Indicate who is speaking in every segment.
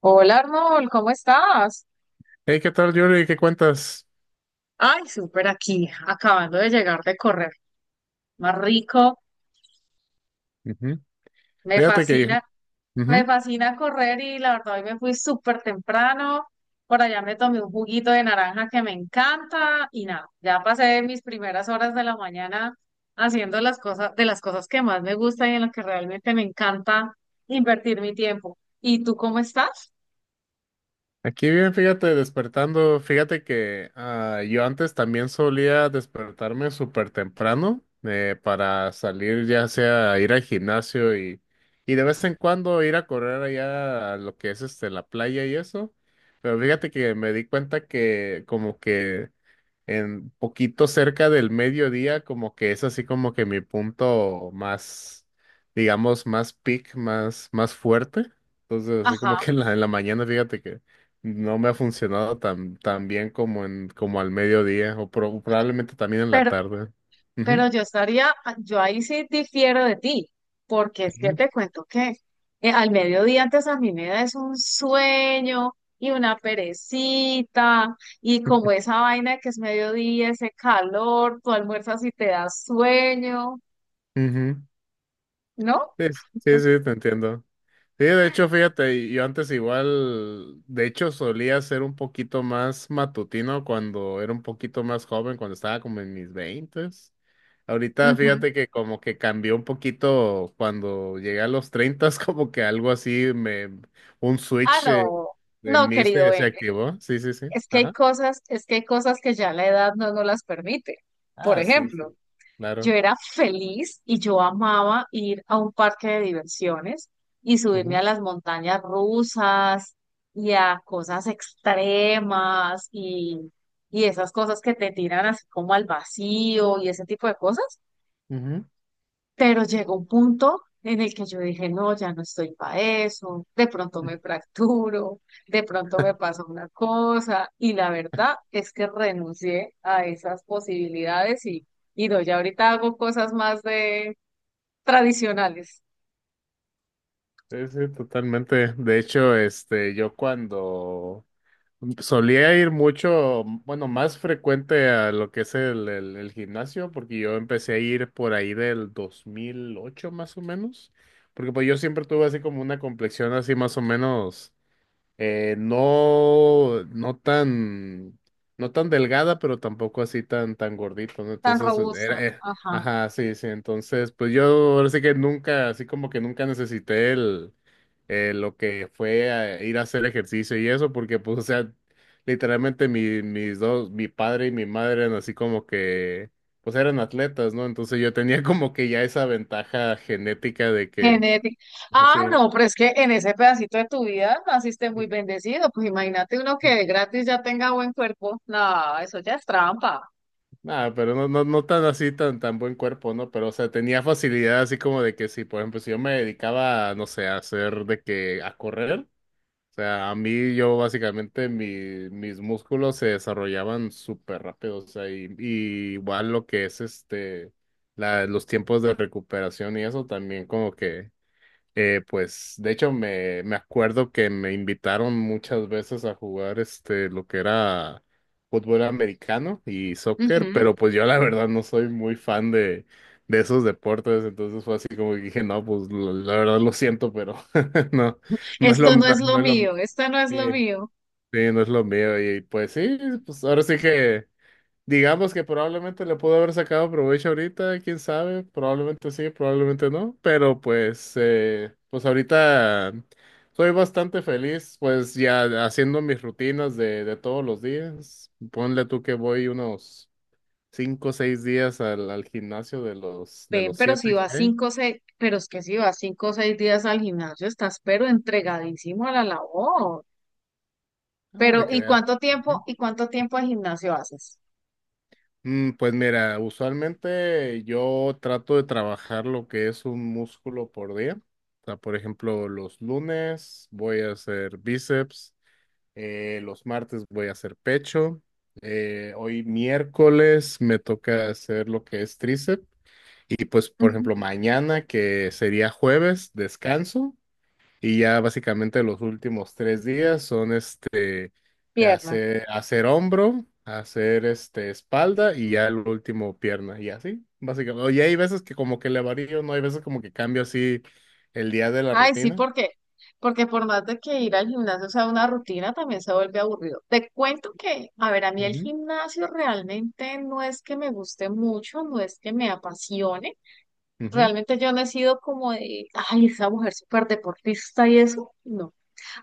Speaker 1: Hola Arnold, ¿cómo estás?
Speaker 2: Hey, ¿qué tal, Yuri? ¿Qué cuentas?
Speaker 1: Ay, súper aquí, acabando de llegar de correr. Más rico,
Speaker 2: Ujú.
Speaker 1: me
Speaker 2: Fíjate que,
Speaker 1: fascina, me
Speaker 2: ujú,
Speaker 1: fascina correr y la verdad hoy me fui súper temprano. Por allá me tomé un juguito de naranja que me encanta y nada, ya pasé mis primeras horas de la mañana haciendo las cosas, de las cosas que más me gustan y en las que realmente me encanta invertir mi tiempo. ¿Y tú cómo estás?
Speaker 2: aquí bien, fíjate, despertando. Fíjate que yo antes también solía despertarme súper temprano para salir, ya sea a ir al gimnasio y de vez en cuando ir a correr allá a lo que es la playa y eso. Pero fíjate que me di cuenta que como que en poquito cerca del mediodía, como que es así como que mi punto más, digamos, más peak, más fuerte. Entonces, así como
Speaker 1: Ajá.
Speaker 2: que en la mañana, fíjate que no me ha funcionado tan, tan bien como al mediodía, o probablemente también en la tarde. Ujú,
Speaker 1: Pero yo ahí sí difiero de ti, porque es que
Speaker 2: ujú,
Speaker 1: te cuento que al mediodía antes a mí me da es un sueño y una perecita, y como esa vaina de que es mediodía, ese calor, tú almuerzas y te da sueño,
Speaker 2: ujú.
Speaker 1: ¿no?
Speaker 2: Sí, sí, sí, te entiendo. Sí, de hecho, fíjate, yo antes igual, de hecho, solía ser un poquito más matutino cuando era un poquito más joven, cuando estaba como en mis veintes. Ahorita,
Speaker 1: Ujú.
Speaker 2: fíjate que como que cambió un poquito cuando llegué a los treintas, como que algo así, un
Speaker 1: Ah,
Speaker 2: switch
Speaker 1: no,
Speaker 2: en
Speaker 1: no,
Speaker 2: mí
Speaker 1: querido
Speaker 2: se
Speaker 1: Ben,
Speaker 2: activó. Sí, sí, sí.
Speaker 1: es que hay
Speaker 2: Ajá.
Speaker 1: cosas, es que hay cosas que ya la edad no nos las permite. Por
Speaker 2: Ah, sí, sí.
Speaker 1: ejemplo,
Speaker 2: Claro.
Speaker 1: yo era feliz y yo amaba ir a un parque de diversiones y subirme a
Speaker 2: Ujú,
Speaker 1: las montañas rusas y a cosas extremas y esas cosas que te tiran así como al vacío y ese tipo de cosas. Pero llegó un punto en el que yo dije, no, ya no estoy para eso, de pronto
Speaker 2: ujú.
Speaker 1: me fracturo, de pronto me pasa una cosa, y la verdad es que renuncié a esas posibilidades y no, ya ahorita hago cosas más de tradicionales,
Speaker 2: Sí, sí, totalmente. De hecho, este, yo cuando Solía ir mucho, bueno, más frecuente a lo que es el gimnasio, porque yo empecé a ir por ahí del 2008 más o menos, porque pues yo siempre tuve así como una complexión así más o menos, no, no tan delgada, pero tampoco así tan, tan gordito, ¿no?
Speaker 1: tan
Speaker 2: Entonces,
Speaker 1: robusta, ajá,
Speaker 2: ajá, sí, sí, entonces, pues yo ahora sí que nunca, así como que nunca necesité lo que fue a ir a hacer ejercicio y eso, porque pues, o sea, literalmente mi padre y mi madre eran así como que, pues eran atletas, ¿no? Entonces yo tenía como que ya esa ventaja genética de que,
Speaker 1: genética. Ah,
Speaker 2: sí.
Speaker 1: no, pero es que en ese pedacito de tu vida naciste muy bendecido, pues imagínate uno que de gratis ya tenga buen cuerpo, no, eso ya es trampa.
Speaker 2: Nada, pero no, no, no tan así, tan, tan buen cuerpo, ¿no? Pero, o sea, tenía facilidad así como de que si, por ejemplo, si yo me dedicaba, no sé, a hacer a correr, o sea, a mí yo básicamente mis músculos se desarrollaban súper rápido, o sea, y igual lo que es los tiempos de recuperación y eso también como que... pues de hecho me acuerdo que me invitaron muchas veces a jugar lo que era fútbol americano y soccer,
Speaker 1: Ujú.
Speaker 2: pero pues yo la verdad no soy muy fan de esos deportes, entonces fue así como que dije, no, pues la verdad lo siento, pero no,
Speaker 1: Esto no es lo
Speaker 2: no es lo,
Speaker 1: mío, esto no es
Speaker 2: sí,
Speaker 1: lo mío.
Speaker 2: sí, no es lo mío y pues sí, pues ahora sí que digamos que probablemente le pudo haber sacado provecho ahorita, quién sabe, probablemente sí, probablemente no, pero pues, pues ahorita soy bastante feliz, pues ya haciendo mis rutinas de todos los días. Ponle tú que voy unos 5 o 6 días al gimnasio de los
Speaker 1: Ven, pero si
Speaker 2: siete que
Speaker 1: vas
Speaker 2: hay.
Speaker 1: 5 o 6, pero es que si vas 5 o 6 días al gimnasio, estás pero entregadísimo a la labor.
Speaker 2: Ah, de
Speaker 1: Pero,
Speaker 2: crear.
Speaker 1: y cuánto tiempo de gimnasio haces?
Speaker 2: Pues mira, usualmente yo trato de trabajar lo que es un músculo por día. O sea, por ejemplo, los lunes voy a hacer bíceps, los martes voy a hacer pecho, hoy miércoles me toca hacer lo que es tríceps y pues, por ejemplo,
Speaker 1: Ujú.
Speaker 2: mañana que sería jueves, descanso y ya básicamente los últimos tres días son de
Speaker 1: Pierna.
Speaker 2: hacer, hacer hombro, hacer espalda y ya el último pierna y así, básicamente. Y hay veces que como que le varío, no hay veces como que cambio así el día de la
Speaker 1: Ay, sí,
Speaker 2: rutina.
Speaker 1: ¿por qué? Porque por más de que ir al gimnasio sea una rutina, también se vuelve aburrido. Te cuento que, a ver, a mí el
Speaker 2: Ujú,
Speaker 1: gimnasio realmente no es que me guste mucho, no es que me apasione.
Speaker 2: ujú,
Speaker 1: Realmente yo no he sido como de, ay, esa mujer súper deportista y eso, no.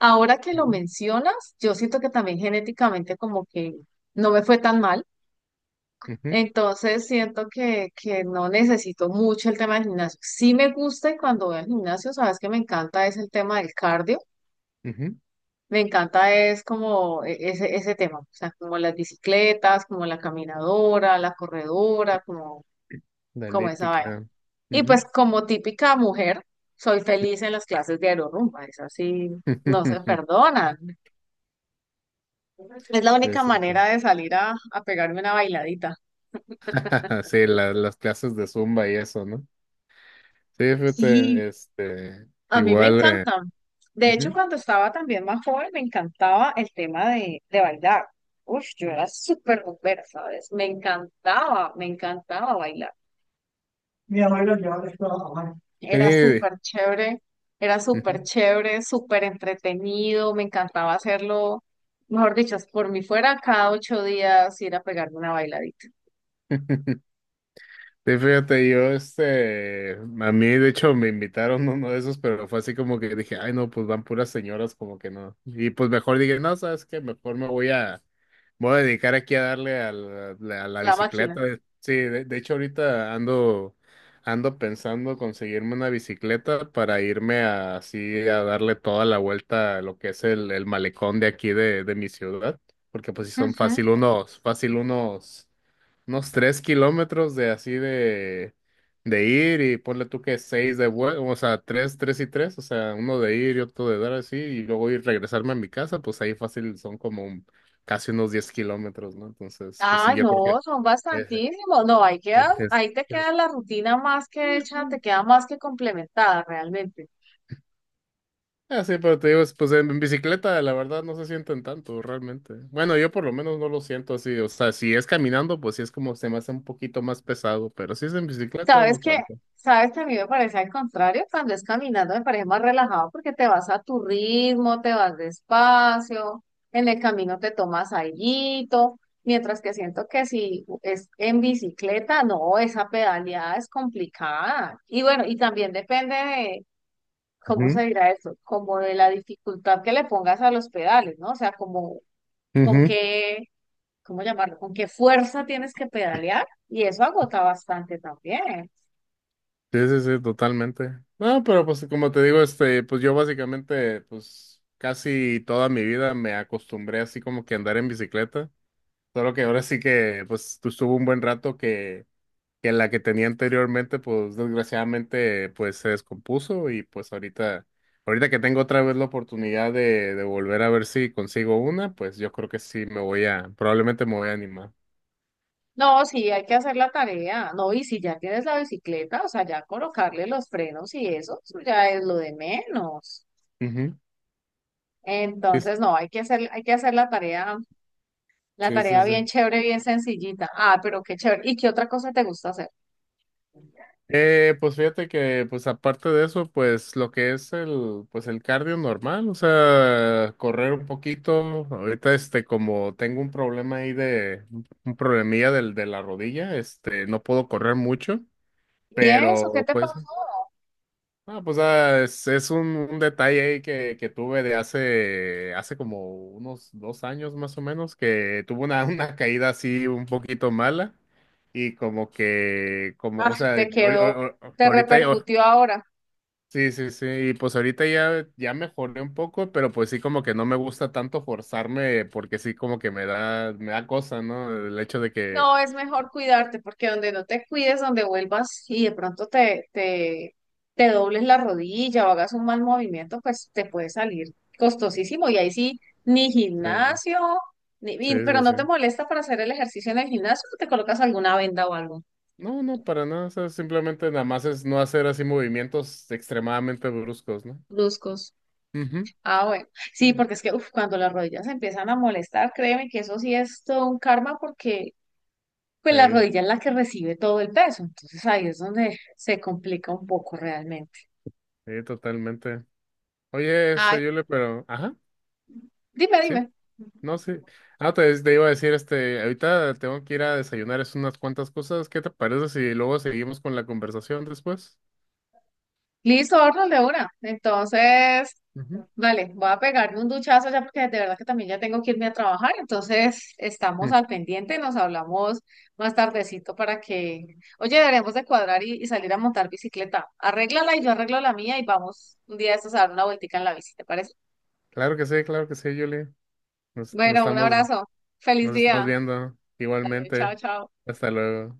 Speaker 1: Ahora que lo
Speaker 2: ujú,
Speaker 1: mencionas, yo siento que también genéticamente como que no me fue tan mal,
Speaker 2: ujú,
Speaker 1: entonces siento que no necesito mucho el tema del gimnasio. Sí me gusta y cuando voy al gimnasio, sabes que me encanta es el tema del cardio,
Speaker 2: ujú.
Speaker 1: me encanta es como ese, ese tema, o sea, como las bicicletas, como la caminadora, la corredora, como,
Speaker 2: La
Speaker 1: como esa vaina.
Speaker 2: elíptica.
Speaker 1: Y
Speaker 2: Ujú.
Speaker 1: pues como típica mujer, soy feliz en las clases de aerorumba, es así, no se perdonan. Es la
Speaker 2: Sí,
Speaker 1: única
Speaker 2: sí, sí.
Speaker 1: manera de salir a pegarme una bailadita.
Speaker 2: Sí, las clases de Zumba y eso, ¿no? Sí,
Speaker 1: Sí,
Speaker 2: fíjate,
Speaker 1: a mí me
Speaker 2: igual,
Speaker 1: encantan. De hecho,
Speaker 2: ujú,
Speaker 1: cuando estaba también más joven, me encantaba el tema de bailar. Uf, yo era súper bombera, ¿sabes? Me encantaba bailar. Mi abuelo llevaba esto a mano.
Speaker 2: sí,
Speaker 1: Era súper chévere, súper entretenido, me encantaba hacerlo. Mejor dicho, si por mí fuera, cada 8 días ir a pegarme una bailadita.
Speaker 2: ujú. Sí, fíjate, yo, a mí de hecho me invitaron a uno de esos, pero fue así como que dije, ay no, pues van puras señoras, como que no. Y pues mejor dije, no, sabes qué, mejor me voy a dedicar aquí a darle a a la
Speaker 1: La máquina.
Speaker 2: bicicleta. Sí, de hecho ahorita ando pensando conseguirme una bicicleta para irme así a darle toda la vuelta a lo que es el malecón de aquí de mi ciudad, porque pues si son fácil
Speaker 1: Ujú.
Speaker 2: unos, unos 3 kilómetros de así de ir y ponle tú que seis de vuelta, o sea, tres, tres y tres, o sea, uno de ir y otro de dar así, y luego ir regresarme a mi casa, pues ahí fácil son como casi unos 10 kilómetros, ¿no? Entonces, pues sí,
Speaker 1: Ay,
Speaker 2: yo creo que
Speaker 1: no, son
Speaker 2: es,
Speaker 1: bastantísimos. No, ahí quedas,
Speaker 2: es, es,
Speaker 1: ahí te queda
Speaker 2: es-
Speaker 1: la rutina más que hecha, te queda más que complementada realmente.
Speaker 2: Ah, sí, pero te digo, pues en bicicleta la verdad no se sienten tanto realmente. Bueno, yo por lo menos no lo siento así, o sea, si es caminando, pues sí es como se me hace un poquito más pesado, pero si es en bicicleta,
Speaker 1: Sabes
Speaker 2: no
Speaker 1: que,
Speaker 2: tanto.
Speaker 1: sabes que a mí me parece al contrario, cuando es caminando me parece más relajado porque te vas a tu ritmo, te vas despacio, en el camino te tomas alguito, mientras que siento que si es en bicicleta, no, esa pedaleada es complicada. Y bueno, y también depende ¿cómo se
Speaker 2: Ujú,
Speaker 1: dirá esto? Como de la dificultad que le pongas a los pedales, ¿no? O sea, como con
Speaker 2: ujú.
Speaker 1: qué, ¿cómo llamarlo? Con qué fuerza tienes que pedalear y eso agota bastante también.
Speaker 2: Sí, sí, sí, totalmente. No, pero pues como te digo, pues yo básicamente, pues casi toda mi vida me acostumbré así como que a andar en bicicleta. Solo que ahora sí que, pues estuvo un buen rato que, la que tenía anteriormente, pues desgraciadamente, pues se descompuso y pues ahorita que tengo otra vez la oportunidad de volver a ver si consigo una, pues yo creo que sí probablemente me voy a animar.
Speaker 1: No, sí, hay que hacer la tarea, no, y si ya tienes la bicicleta, o sea, ya colocarle los frenos y eso ya es lo de menos.
Speaker 2: Ujú. Sí,
Speaker 1: Entonces, no, hay que hacer la
Speaker 2: sí, sí.
Speaker 1: tarea
Speaker 2: Sí.
Speaker 1: bien chévere, bien sencillita. Ah, pero qué chévere. ¿Y qué otra cosa te gusta hacer?
Speaker 2: Pues fíjate que, pues aparte de eso, pues lo que es el cardio normal, o sea, correr un poquito. Ahorita, como tengo un problema ahí un problemilla de la rodilla, no puedo correr mucho,
Speaker 1: ¿Y eso qué
Speaker 2: pero
Speaker 1: te
Speaker 2: pues,
Speaker 1: pasó?
Speaker 2: es un detalle ahí que tuve de hace como unos 2 años más o menos, que tuve una, una caída así un poquito mala. Y como que, como, o
Speaker 1: Ah,
Speaker 2: sea,
Speaker 1: te quedó, te
Speaker 2: ahorita.
Speaker 1: repercutió ahora.
Speaker 2: Sí, sí, sí, y pues ahorita ya, ya mejoré un poco, pero pues sí como que no me gusta tanto forzarme porque sí como que me da cosa, ¿no? El hecho de que...
Speaker 1: No, es mejor cuidarte porque donde no te cuides, donde vuelvas y de pronto te dobles la rodilla o hagas un mal movimiento, pues te puede salir costosísimo. Y ahí sí, ni
Speaker 2: Sí,
Speaker 1: gimnasio, ni,
Speaker 2: sí,
Speaker 1: y- pero
Speaker 2: sí.
Speaker 1: no te
Speaker 2: Sí.
Speaker 1: molesta para hacer el ejercicio en el gimnasio, te colocas alguna venda o algo,
Speaker 2: No, no, para nada, o sea, simplemente nada más es no hacer así movimientos extremadamente bruscos, ¿no?
Speaker 1: bruscos.
Speaker 2: Ujú.
Speaker 1: Ah, bueno. Sí,
Speaker 2: Mm.
Speaker 1: porque es que uf, cuando las rodillas empiezan a molestar, créeme que eso sí es todo un karma porque pues la
Speaker 2: Sí,
Speaker 1: rodilla es la que recibe todo el peso. Entonces ahí es donde se complica un poco realmente.
Speaker 2: sí, totalmente. Oye,
Speaker 1: Ay,
Speaker 2: ajá,
Speaker 1: dime,
Speaker 2: sí,
Speaker 1: dime.
Speaker 2: no, sí. Ah, te iba a decir, ahorita tengo que ir a desayunar, es unas cuantas cosas, ¿qué te parece si luego seguimos con la conversación después?
Speaker 1: Listo, horno de una. Entonces,
Speaker 2: Ujú.
Speaker 1: vale, voy a pegarme un duchazo ya porque de verdad que también ya tengo que irme a trabajar. Entonces, estamos
Speaker 2: Mm,
Speaker 1: al pendiente, nos hablamos más tardecito para que, oye, deberemos de cuadrar y salir a montar bicicleta. Arréglala y yo arreglo la mía y vamos un día de estos a dar una vueltica en la bici, ¿te parece?
Speaker 2: Claro que sí, Julie. Nos, nos
Speaker 1: Bueno, un
Speaker 2: estamos,
Speaker 1: abrazo. Feliz
Speaker 2: nos estamos
Speaker 1: día.
Speaker 2: viendo
Speaker 1: Chao,
Speaker 2: igualmente.
Speaker 1: chao.
Speaker 2: Hasta luego.